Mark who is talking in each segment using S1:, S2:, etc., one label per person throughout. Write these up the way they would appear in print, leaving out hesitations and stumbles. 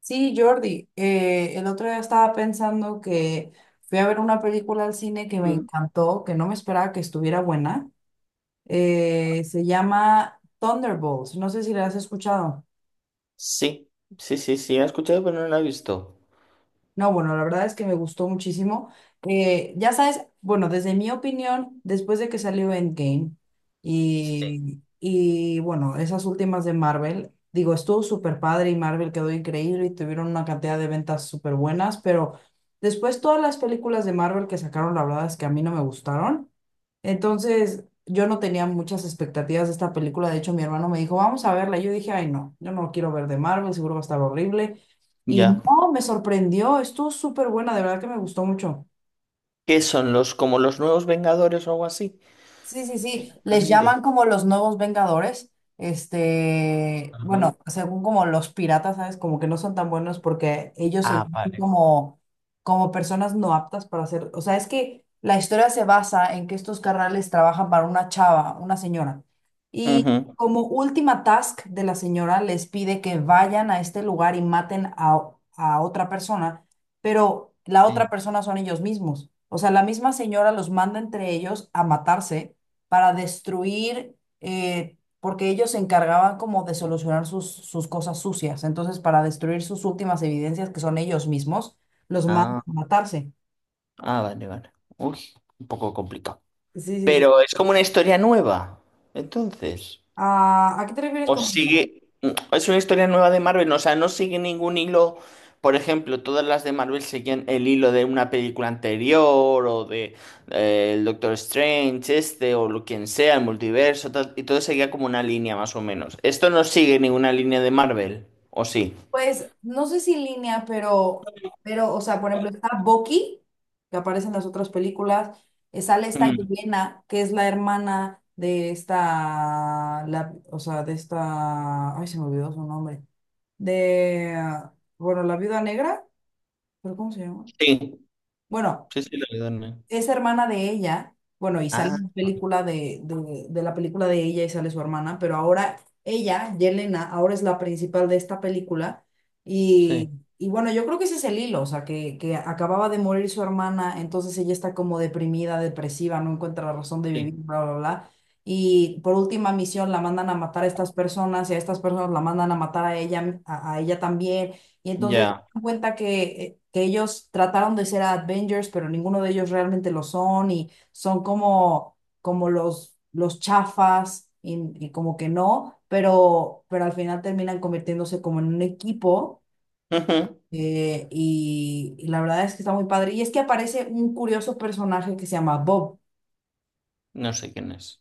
S1: Sí, Jordi, el otro día estaba pensando que fui a ver una película al cine que me
S2: Mm.
S1: encantó, que no me esperaba que estuviera buena. Se llama Thunderbolts, no sé si la has escuchado.
S2: Sí, sí, sí, sí, he escuchado, pero no la he visto.
S1: No, bueno, la verdad es que me gustó muchísimo. Ya sabes, bueno, desde mi opinión, después de que salió Endgame y bueno, esas últimas de Marvel, digo, estuvo súper padre y Marvel quedó increíble y tuvieron una cantidad de ventas súper buenas, pero después todas las películas de Marvel que sacaron, la verdad es que a mí no me gustaron. Entonces, yo no tenía muchas expectativas de esta película. De hecho, mi hermano me dijo, vamos a verla. Y yo dije, ay, no, yo no quiero ver de Marvel, seguro va a estar horrible. Y
S2: Ya.
S1: no, me sorprendió, estuvo súper buena, de verdad que me gustó mucho.
S2: ¿Qué son como los nuevos Vengadores o algo así?
S1: Sí, sí, sí, les
S2: Avengers.
S1: llaman como los nuevos Vengadores, este,
S2: Ah,
S1: bueno, según como los piratas, ¿sabes? Como que no son tan buenos porque ellos se
S2: ah,
S1: llaman
S2: vale.
S1: como, como personas no aptas para hacer, o sea, es que la historia se basa en que estos carnales trabajan para una chava, una señora, y
S2: Ujú.
S1: como última task de la señora les pide que vayan a este lugar y maten a otra persona, pero la
S2: Sí.
S1: otra persona son ellos mismos. O sea, la misma señora los manda entre ellos a matarse para destruir, porque ellos se encargaban como de solucionar sus cosas sucias. Entonces, para destruir sus últimas evidencias, que son ellos mismos, los manda
S2: Ah,
S1: a matarse.
S2: ah, vale, vale. Uy, un poco complicado.
S1: Sí, sí, sí.
S2: Pero es como una historia nueva, entonces.
S1: Ah, ¿a qué te refieres
S2: O
S1: con...
S2: sigue, es una historia nueva de Marvel, ¿no? O sea, no sigue ningún hilo, por ejemplo, todas las de Marvel siguen el hilo de una película anterior o de el Doctor Strange, este o lo quien sea, el multiverso, tal, y todo seguía como una línea más o menos. Esto no sigue ninguna línea de Marvel, ¿o sí?
S1: Pues no sé si línea, pero, o sea, por ejemplo, está Bucky, que aparece en las otras películas, sale esta
S2: Mm,
S1: Yelena, que es la hermana de esta, la, o sea, de esta, ay, se me olvidó su nombre, de, ah, bueno, la viuda negra, pero ¿cómo se llama?
S2: sí,
S1: Bueno,
S2: sí, sí, lo de Donner.
S1: es hermana de ella, bueno, y sale
S2: Ah,
S1: en la película de la película de ella y sale su hermana, pero ahora ella, Yelena, ahora es la principal de esta película y,
S2: sí,
S1: y bueno, yo creo que ese es el hilo, o sea, que acababa de morir su hermana, entonces ella está como deprimida, depresiva, no encuentra la razón de vivir,
S2: sí,
S1: bla, bla, bla. Y por última misión la mandan a matar a estas personas y a estas personas la mandan a matar a ella, a ella también. Y entonces
S2: ya.
S1: cuenta que ellos trataron de ser Avengers, pero ninguno de ellos realmente lo son y son como, como los chafas y como que no, pero al final terminan convirtiéndose como en un equipo,
S2: Ujú.
S1: y la verdad es que está muy padre. Y es que aparece un curioso personaje que se llama Bob.
S2: No sé quién es.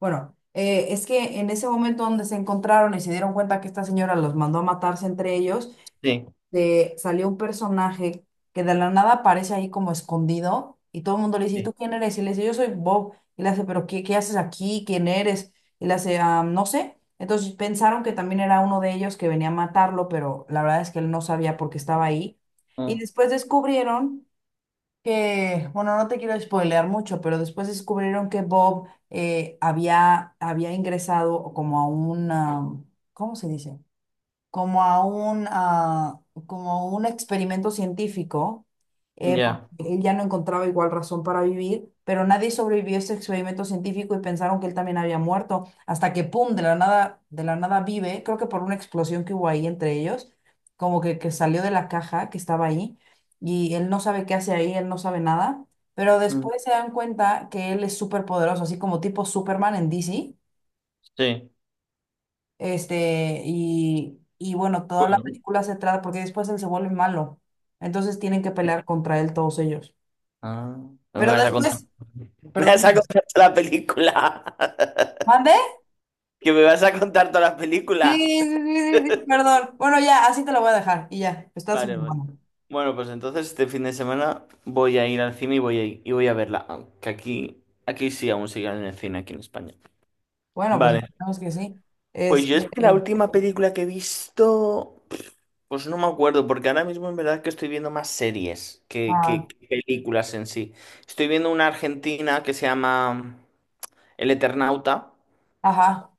S1: Bueno, es que en ese momento donde se encontraron y se dieron cuenta que esta señora los mandó a matarse entre ellos,
S2: Sí,
S1: de salió un personaje que de la nada aparece ahí como escondido y todo el mundo le dice, ¿y
S2: sí.
S1: tú quién eres? Y le dice, yo soy Bob. Y le hace, ¿pero qué, qué haces aquí? ¿Quién eres? Y le hace, "Ah, no sé". Entonces pensaron que también era uno de ellos que venía a matarlo, pero la verdad es que él no sabía por qué estaba ahí. Y
S2: Mm,
S1: después descubrieron que, bueno, no te quiero spoilear mucho, pero después descubrieron que Bob, había ingresado como a una, ¿cómo se dice? Como a un, ah, como un experimento científico, porque
S2: ya.
S1: él ya no encontraba igual razón para vivir, pero nadie sobrevivió a ese experimento científico y pensaron que él también había muerto, hasta que, ¡pum!, de la nada vive, creo que por una explosión que hubo ahí entre ellos, como que salió de la caja que estaba ahí, y él no sabe qué hace ahí, él no sabe nada, pero
S2: Mm,
S1: después se dan cuenta que él es súper poderoso, así como tipo Superman en DC,
S2: sí.
S1: este, y bueno, toda la
S2: Bueno.
S1: película se trata, porque después él se vuelve malo. Entonces tienen que pelear contra él todos ellos.
S2: Ah, no me
S1: Pero
S2: vas a contar.
S1: después,
S2: Me vas a
S1: perdón,
S2: contar toda la película.
S1: ¿mande?
S2: Que me vas a contar toda la
S1: Sí,
S2: película.
S1: sí, sí, sí, sí, perdón. Bueno, ya, así te lo voy a dejar y ya, está súper
S2: Vale, vale.
S1: bueno.
S2: Bueno, pues entonces este fin de semana voy a ir al cine y voy a verla. Que aquí sí aún siguen en el cine, aquí en España.
S1: Bueno, pues
S2: Vale.
S1: esperemos que sí.
S2: Pues
S1: Este,
S2: yo es que la última película que he visto, pues no me acuerdo, porque ahora mismo en verdad que estoy viendo más series que, que-
S1: ah,
S2: que películas en sí. Estoy viendo una argentina que se llama El Eternauta.
S1: ajá,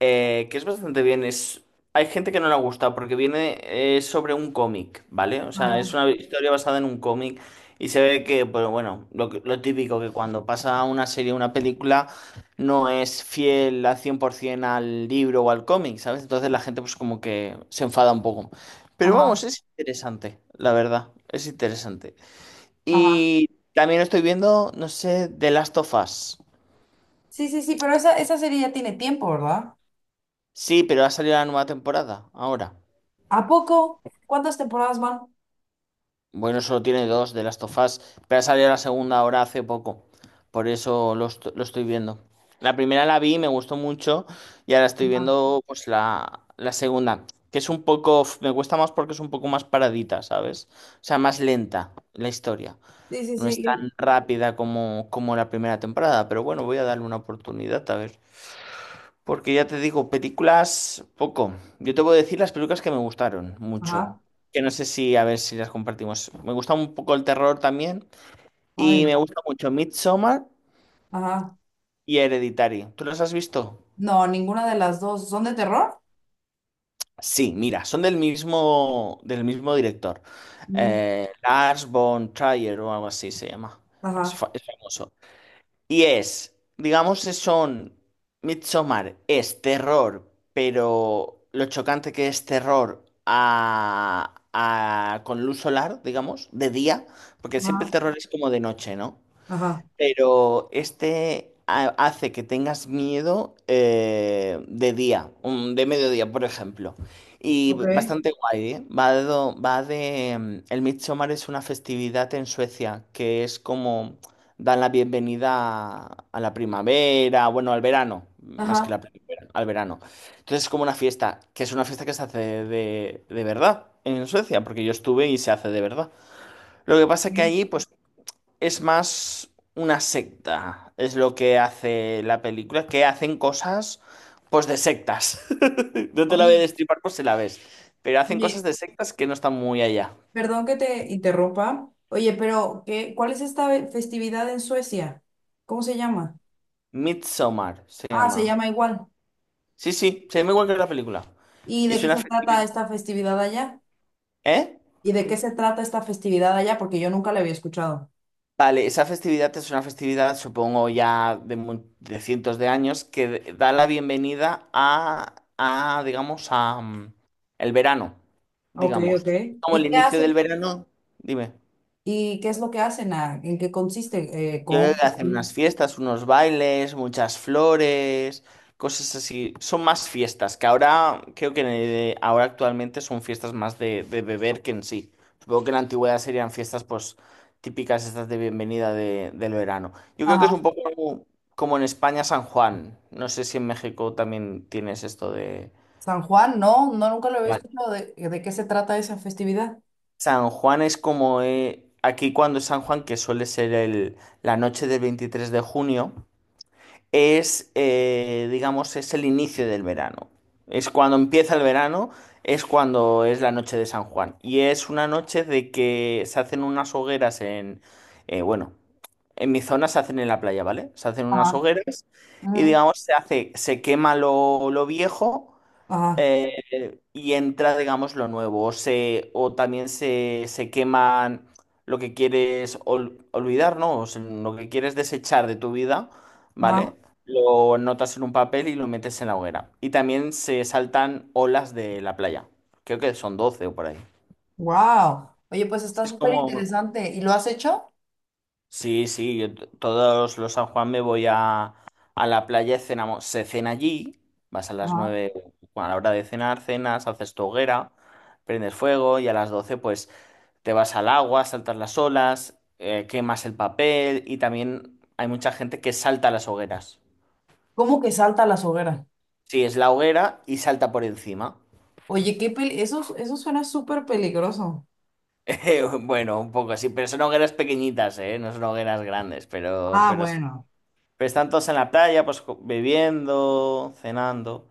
S2: Que es bastante bien. Hay gente que no le ha gustado porque viene sobre un cómic, ¿vale? O sea, es
S1: ajá,
S2: una historia basada en un cómic y se ve que, pues bueno, lo típico que cuando pasa una serie, o una película, no es fiel al 100% al libro o al cómic, ¿sabes? Entonces la gente pues como que se enfada un poco. Pero
S1: ajá,
S2: vamos, es interesante, la verdad, es interesante.
S1: ajá.
S2: Y también estoy viendo, no sé, The Last of Us.
S1: Sí, sí, sí, pero esa serie ya tiene tiempo, ¿verdad?
S2: Sí, pero ha salido la nueva temporada ahora.
S1: ¿A poco? ¿Cuántas temporadas van?
S2: Bueno, solo tiene dos de Last of Us, pero ha salido la segunda ahora hace poco. Por eso lo estoy viendo. La primera la vi, me gustó mucho, y ahora estoy
S1: Ajá.
S2: viendo pues la segunda, que es un poco, me cuesta más porque es un poco más paradita, ¿sabes? O sea, más lenta la historia.
S1: Sí, sí,
S2: No es
S1: sí.
S2: tan rápida como la primera temporada, pero bueno, voy a darle una oportunidad a ver. Porque ya te digo, películas poco. Yo te voy a decir las películas que me gustaron mucho.
S1: Ajá.
S2: Que no sé si, a ver si las compartimos. Me gusta un poco el terror también.
S1: Ay,
S2: Y me
S1: no.
S2: gusta mucho Midsommar
S1: Ajá.
S2: y Hereditary. ¿Tú las has visto?
S1: No, ninguna de las dos. ¿Son de terror?
S2: Sí, mira, son del mismo director.
S1: Ujú.
S2: Lars von Trier o algo así se llama. Es,
S1: Ajá,
S2: fa- es famoso. Y es, digamos, son Midsommar es terror, pero lo chocante que es terror a con luz solar, digamos, de día, porque siempre el
S1: ajá,
S2: terror es como de noche, ¿no?
S1: ajá,
S2: Pero este hace que tengas miedo de día, de mediodía, por ejemplo. Y
S1: ok.
S2: bastante guay, ¿eh? Va de el Midsommar es una festividad en Suecia que es como dan la bienvenida a la primavera, bueno, al verano, más que
S1: Ajá.
S2: la primavera, al verano. Entonces es como una fiesta, que es una fiesta que se hace de verdad en Suecia, porque yo estuve y se hace de verdad. Lo que pasa que
S1: Ok.
S2: allí, pues es más una secta, es lo que hace la película, que hacen cosas pues de sectas. No te la voy a
S1: Oye,
S2: destripar por si la ves, pero hacen cosas
S1: Oye,
S2: de sectas que no están muy allá.
S1: perdón que te interrumpa. Oye, pero ¿qué, cuál es esta ve- festividad en Suecia? ¿Cómo se llama?
S2: Midsommar se
S1: Ah, se
S2: llama.
S1: llama igual.
S2: Sí, sí, se llama igual que la película.
S1: ¿Y
S2: Y
S1: de qué
S2: suena...
S1: se
S2: fe-
S1: trata esta festividad allá?
S2: ¿Eh?
S1: ¿Y de qué se trata esta festividad allá? Porque yo nunca la había escuchado.
S2: Vale, esa festividad es una festividad, supongo, ya de cientos de años, que da la bienvenida a, digamos, a el verano,
S1: Ok,
S2: digamos.
S1: ok.
S2: Como
S1: ¿Y
S2: el
S1: qué
S2: inicio
S1: hacen?
S2: del verano, dime.
S1: ¿Y qué es lo que hacen? Ah, ¿en qué consiste?
S2: Yo creo
S1: Con...
S2: que hacen unas fiestas, unos bailes, muchas flores, cosas así. Son más fiestas, que ahora creo que en ahora actualmente son fiestas más de beber que en sí. Supongo que en la antigüedad serían fiestas pues típicas estas de bienvenida del verano. Yo creo que es
S1: Ajá.
S2: un poco como en España San Juan. No sé si en México también tienes esto de.
S1: San Juan, no, no, nunca lo había
S2: Vale.
S1: escuchado de qué se trata esa festividad.
S2: San Juan es como aquí cuando es San Juan, que suele ser la noche del 23 de junio. Es, digamos, es el inicio del verano. Es cuando empieza el verano, es cuando es la noche de San Juan. Y es una noche de que se hacen unas hogueras bueno, en mi zona se hacen en la playa, ¿vale? Se hacen unas
S1: Ajá,
S2: hogueras y,
S1: ujú,
S2: digamos, se hace, se quema lo viejo
S1: ajá,
S2: y entra, digamos, lo nuevo. O también se queman lo que quieres olvidar, ¿no? O sea, lo que quieres desechar de tu vida,
S1: ajá,
S2: ¿vale? Lo notas en un papel y lo metes en la hoguera. Y también se saltan olas de la playa. Creo que son 12 o por ahí.
S1: wow. Oye, pues está
S2: Es
S1: súper
S2: como
S1: interesante. ¿Y lo has hecho?
S2: Sí, sí, yo todos los San Juan me voy a la playa, cenamos, se cena allí, vas a las
S1: Ajá.
S2: 9. Bueno, a la hora de cenar, cenas, haces tu hoguera, prendes fuego y a las 12, pues te vas al agua, saltas las olas, quemas el papel y también hay mucha gente que salta las hogueras.
S1: ¿Cómo que salta a las hogueras?
S2: Sí, es la hoguera y salta por encima.
S1: Oye, qué pel- eso suena súper peligroso.
S2: Bueno, un poco así, pero son hogueras pequeñitas, ¿eh? No son hogueras grandes, pero,
S1: Ah,
S2: pero sí.
S1: bueno.
S2: Pero están todos en la playa, pues bebiendo, cenando.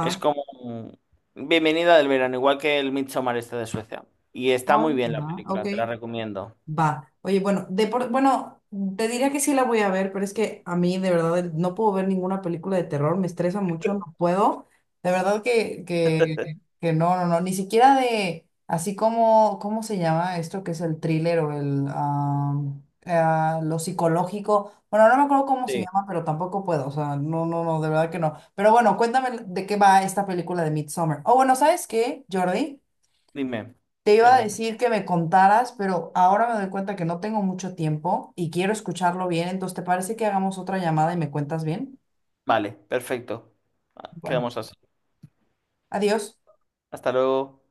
S2: Es como bienvenida del verano, igual que el Midsommar este de Suecia. Y está muy
S1: Ay,
S2: bien la
S1: ajá, ok.
S2: película, te la recomiendo.
S1: Va. Oye, bueno, de por- bueno, te diría que sí la voy a ver, pero es que a mí de verdad el- no puedo ver ninguna película de terror, me estresa mucho, no puedo. De verdad que no, no, no, ni siquiera de, así como, ¿cómo se llama esto que es el thriller o el, ah, ah, lo psicológico? Bueno, no me acuerdo cómo se
S2: Sí.
S1: llama, pero tampoco puedo, o sea, no, no, no, de verdad que no. Pero bueno, cuéntame de qué va esta película de Midsommar. Oh, bueno, ¿sabes qué, Jordi?
S2: Dime.
S1: Te iba a
S2: Melinda.
S1: decir que me contaras, pero ahora me doy cuenta que no tengo mucho tiempo y quiero escucharlo bien. Entonces, ¿te parece que hagamos otra llamada y me cuentas bien?
S2: Vale, perfecto.
S1: Bueno,
S2: Quedamos así.
S1: adiós.
S2: Hasta luego.